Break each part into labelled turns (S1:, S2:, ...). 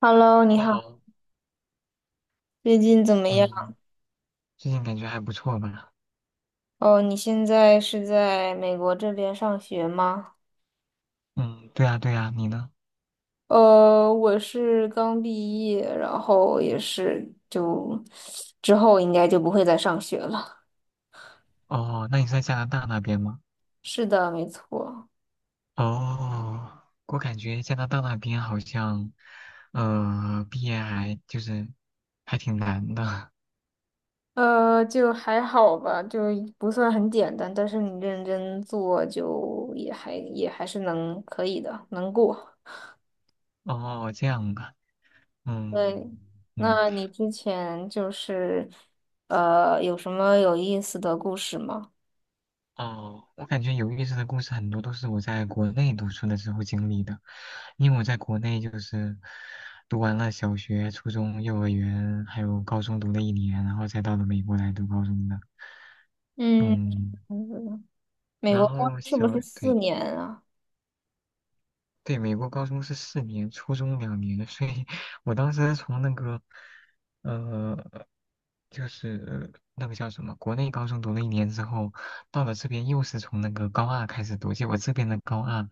S1: Hello，你
S2: 你
S1: 好，
S2: 好，
S1: 最近怎么样？
S2: 嗯，最近感觉还不错吧？
S1: 哦，你现在是在美国这边上学吗？
S2: 嗯，对呀，对呀，你呢？
S1: 我是刚毕业，然后也是就之后应该就不会再上学了。
S2: 哦，那你是在加拿大那边吗？
S1: 是的，没错。
S2: 哦，我感觉加拿大那边好像，毕业还就是还挺难的。
S1: 就还好吧，就不算很简单，但是你认真做就也还是可以的，能过。
S2: 哦，这样吧。
S1: 对，
S2: 嗯嗯。
S1: 那你之前就是有什么有意思的故事吗？
S2: 哦，我感觉有意思的故事很多都是我在国内读书的时候经历的，因为我在国内就是读完了小学、初中、幼儿园，还有高中读了一年，然后才到了美国来读高中的。
S1: 嗯，
S2: 嗯，
S1: 嗯美
S2: 然
S1: 国公
S2: 后
S1: 是不
S2: 小，
S1: 是四
S2: 对
S1: 年啊？
S2: 对，美国高中是4年，初中2年，所以我当时从那个，呃，就是那个叫什么，国内高中读了一年之后，到了这边又是从那个高二开始读，结果这边的高二。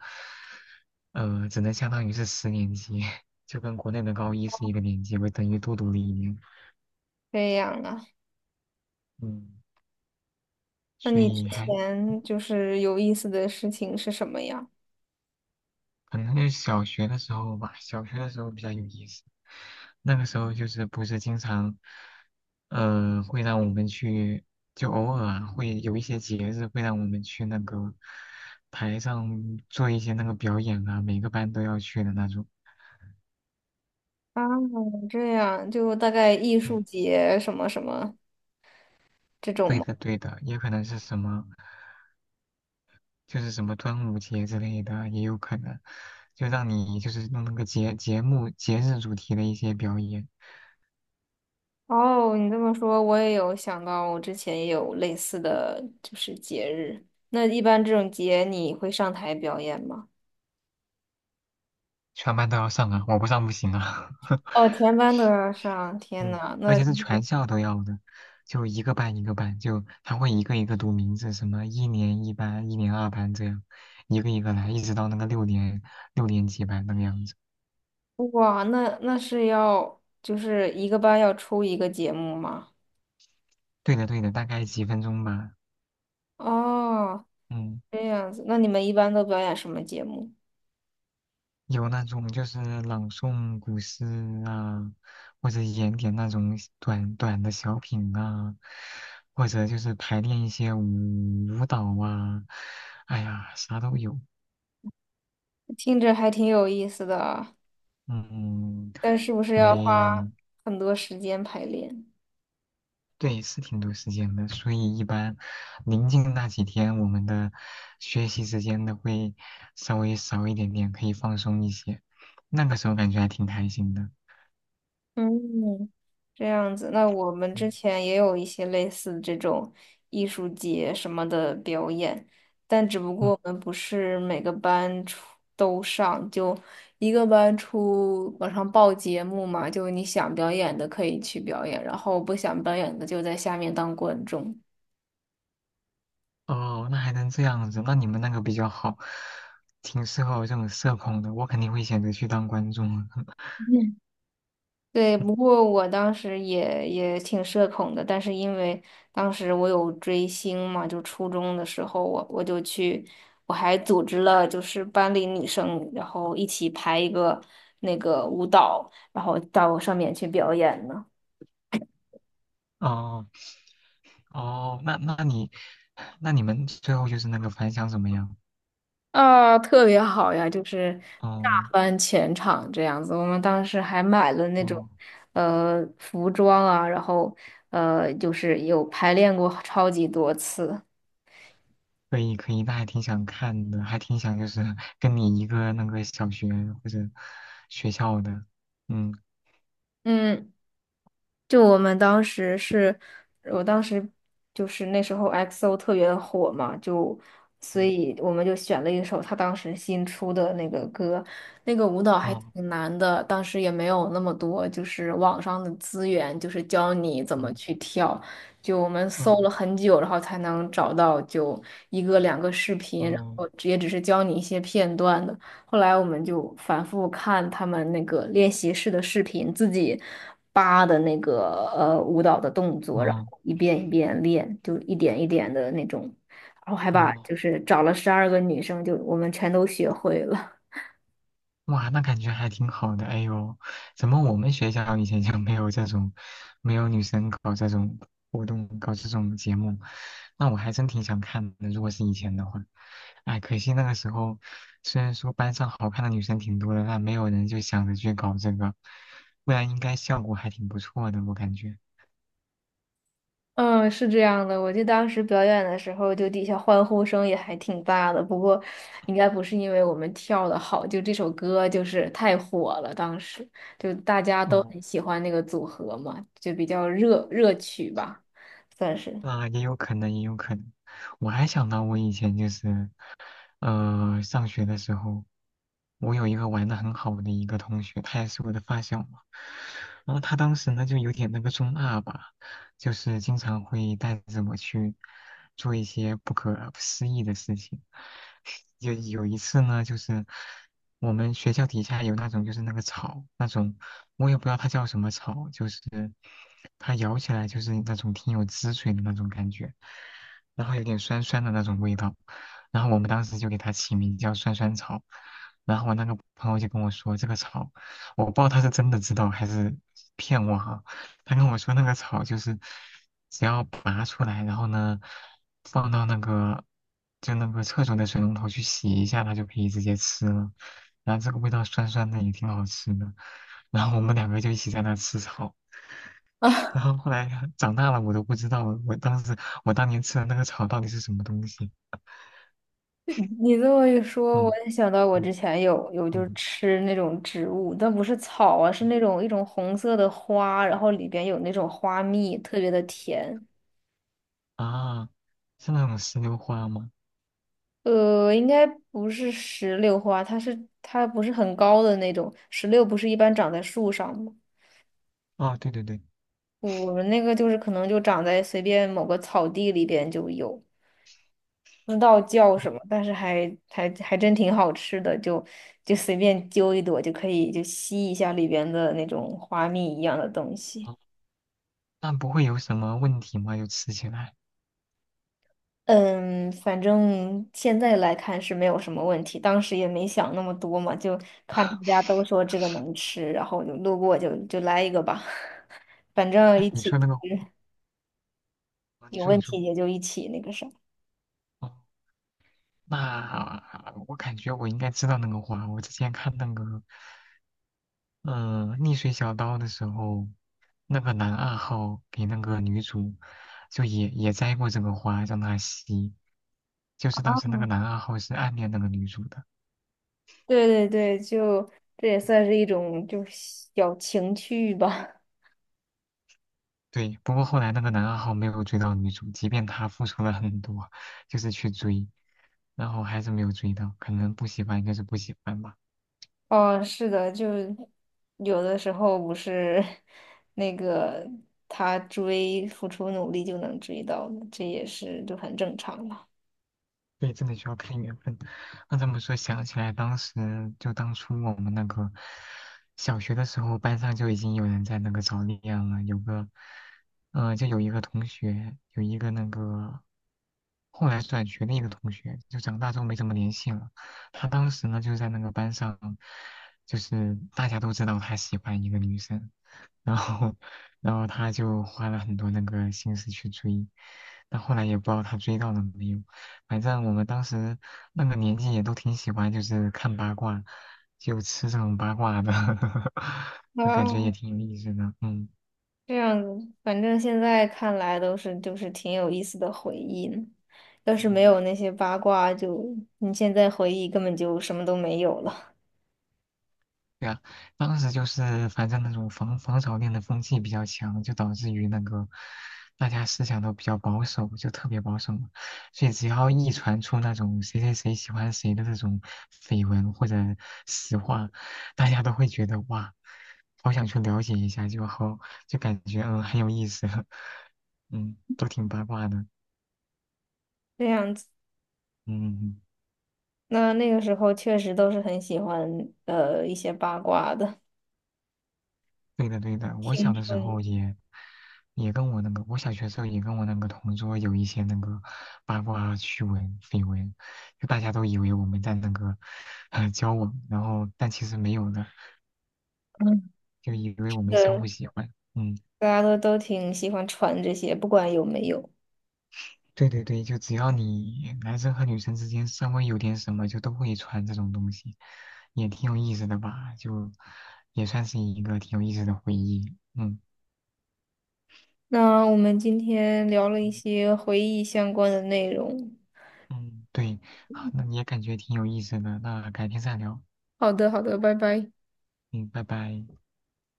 S2: 只能相当于是10年级，就跟国内的高一是一个年级，我等于多读了一年。
S1: 这样啊？
S2: 嗯，
S1: 那
S2: 所
S1: 你之
S2: 以还
S1: 前就是有意思的事情是什么呀？
S2: 可能是小学的时候吧，小学的时候比较有意思。那个时候就是不是经常，会让我们去，就偶尔啊会有一些节日会让我们去那个台上做一些那个表演啊，每个班都要去的那种。
S1: 啊，这样就大概艺术
S2: 对，
S1: 节什么什么这种
S2: 对
S1: 吗？
S2: 的，对的，也可能是什么。就是什么端午节之类的也有可能，就让你就是弄那个节日主题的一些表演，
S1: 哦，你这么说，我也有想到，我之前也有类似的就是节日。那一般这种节你会上台表演吗？
S2: 全班都要上啊，我不上不行啊。
S1: 哦，全班都要上，天
S2: 嗯，
S1: 呐，
S2: 而
S1: 那
S2: 且是全校都要的，就一个班一个班，就他会一个一个读名字，什么一年一班、一年二班这样，一个一个来，一直到那个六年级班那个样子。
S1: 哇，那那是要就是一个班要出一个节目吗？
S2: 对的对的，大概几分钟吧。
S1: 哦，
S2: 嗯。
S1: 这样子，那你们一般都表演什么节目？
S2: 有那种就是朗诵古诗啊，或者演点那种短短的小品啊，或者就是排练一些舞蹈啊，哎呀，啥都有。
S1: 听着还挺有意思的啊，
S2: 嗯，
S1: 但是不是要花
S2: 没，
S1: 很多时间排练？
S2: 对，是挺多时间的，所以一般临近那几天，我们的学习时间都会稍微少一点点，可以放松一些。那个时候感觉还挺开心的。
S1: 嗯，这样子，那我们之
S2: 嗯
S1: 前也有一些类似这种艺术节什么的表演，但只不
S2: 嗯。
S1: 过我们不是每个班出都上，就一个班出往上报节目嘛，就你想表演的可以去表演，然后不想表演的就在下面当观众。
S2: 哦，那还能这样子，那你们那个比较好，挺适合我这种社恐的，我肯定会选择去当观众啊。
S1: 对，不过我当时也挺社恐的，但是因为当时我有追星嘛，就初中的时候我就去，我还组织了就是班里女生，然后一起排一个那个舞蹈，然后到上面去表演呢。
S2: 哦哦，那你们最后就是那个反响怎么样？
S1: 啊，特别好呀，就是大
S2: 哦
S1: 翻全场这样子。我们当时还买了那种
S2: 哦，
S1: 服装啊，然后就是有排练过超级多次。
S2: 可以可以，那还挺想看的，还挺想就是 跟你一个那个小学或者学校的。嗯
S1: 嗯。就我们当时是，我当时就是那时候 XO 特别的火嘛，就所
S2: 嗯。
S1: 以我们就选了一首他当时新出的那个歌，那个舞蹈还
S2: 哦。
S1: 挺难的，当时也没有那么多就是网上的资源，就是教你怎么
S2: 嗯。
S1: 去跳，就我们搜了
S2: 哦
S1: 很久，然后才能找到就一个两个视频，然
S2: 哦
S1: 后也只是教你一些片段的。后来我们就反复看他们那个练习室的视频，自己扒的那个舞蹈的动作，然
S2: 哦
S1: 后一遍一遍练，就一点一点的那种，然后还把
S2: 哦。
S1: 就是找了12个女生，就我们全都学会了。
S2: 哇，那感觉还挺好的。哎呦，怎么我们学校以前就没有这种，没有女生搞这种活动，搞这种节目？那我还真挺想看的，如果是以前的话。哎，可惜那个时候，虽然说班上好看的女生挺多的，但没有人就想着去搞这个，不然应该效果还挺不错的，我感觉。
S1: 嗯，是这样的，我记得当时表演的时候，就底下欢呼声也还挺大的。不过，应该不是因为我们跳的好，就这首歌就是太火了，当时就大家都
S2: 哦，
S1: 很喜欢那个组合嘛，就比较热热曲吧，算是。
S2: 那也有可能，也有可能。我还想到我以前就是。上学的时候，我有一个玩的很好的一个同学，他也是我的发小嘛。然后他当时呢就有点那个中二吧，就是经常会带着我去做一些不可思议的事情。有一次呢，就是我们学校底下有那种就是那个草，那种我也不知道它叫什么草，就是它咬起来就是那种挺有汁水的那种感觉，然后有点酸酸的那种味道。然后我们当时就给它起名叫酸酸草。然后我那个朋友就跟我说，这个草，我不知道他是真的知道还是骗我哈、他跟我说那个草就是，只要拔出来，然后呢，放到那个就那个厕所的水龙头去洗一下，它就可以直接吃了。然后这个味道酸酸的，也挺好吃的。然后我们两个就一起在那吃草。然
S1: 啊，
S2: 后后来长大了，我都不知道我当年吃的那个草到底是什么东西。
S1: 你这么一说，我
S2: 嗯
S1: 也想到我
S2: 嗯
S1: 之前有就是
S2: 嗯
S1: 吃那种植物，但不是草啊，是
S2: 嗯。
S1: 那种一种红色的花，然后里边有那种花蜜，特别的甜。
S2: 啊，是那种石榴花吗？
S1: 呃，应该不是石榴花，它是它不是很高的那种。石榴不是一般长在树上吗？
S2: 啊，对对对。
S1: 我们那个就是可能就长在随便某个草地里边就有，不知道叫什么，但是还真挺好吃的，就就随便揪一朵就可以就吸一下里边的那种花蜜一样的东西。
S2: 哦，那不会有什么问题吗？就吃起来？
S1: 嗯，反正现在来看是没有什么问题，当时也没想那么多嘛，就看大家都说这个能吃，然后就路过就就来一个吧，反正
S2: 那
S1: 一
S2: 你
S1: 起
S2: 说那个花，啊你
S1: 有
S2: 说
S1: 问
S2: 你说。
S1: 题也就一起那个啥。
S2: 哦，那我感觉我应该知道那个花。我之前看那个，逆水小刀的时候，那个男二号给那个女主，就也摘过这个花，让她吸。就是当时那个男二号是暗恋那个女主的。
S1: 对对对，就这也算是一种就小情趣吧。
S2: 对。不过后来那个男二号没有追到女主，即便他付出了很多，就是去追。然后还是没有追到，可能不喜欢应该是不喜欢吧。
S1: 哦，是的，就有的时候不是 那个他追，付出努力就能追到的，这也是就很正常了。
S2: 对，真的需要看缘分。那这么说，想起来当时就当初我们那个小学的时候，班上就已经有人在那个早恋了，有个，就有一个同学，有一个那个后来转学的一个同学，就长大之后没怎么联系了。他当时呢，就在那个班上，就是大家都知道他喜欢一个女生。然后，然后他就花了很多那个心思去追，但后来也不知道他追到了没有。反正我们当时那个年纪也都挺喜欢，就是看八卦，就吃这种八卦的。感觉也
S1: 啊
S2: 挺有意思的。嗯
S1: 这样子，反正现在看来都是就是挺有意思的回忆呢。要是没
S2: 嗯。
S1: 有那些八卦就，你现在回忆根本就什么都没有了。
S2: 对啊，当时就是反正那种防潮恋的风气比较强，就导致于那个大家思想都比较保守，就特别保守嘛。所以只要一传出那种谁谁谁喜欢谁的这种绯闻或者实话，大家都会觉得哇，好想去了解一下，就感觉很有意思。嗯，都挺八卦的。嗯。
S1: 这样子，
S2: 嗯嗯。
S1: 那那个时候确实都是很喜欢一些八卦的
S2: 对的，对的，我小
S1: 青
S2: 的时
S1: 春，
S2: 候也跟我那个，我小学时候也跟我那个同桌有一些那个八卦趣闻、绯闻，就大家都以为我们在那个交往，然后但其实没有的，
S1: 嗯，
S2: 就以为我们相
S1: 对，
S2: 互喜欢。嗯，
S1: 大家都挺喜欢传这些，不管有没有。
S2: 对对对，就只要你男生和女生之间稍微有点什么，就都会传这种东西，也挺有意思的吧？就也算是一个挺有意思的回忆。嗯
S1: 那我们今天聊了一些回忆相关的内容。
S2: 嗯，对，好，那你也感觉挺有意思的，那改天再聊，
S1: 好的，好的，拜拜。
S2: 嗯，拜拜。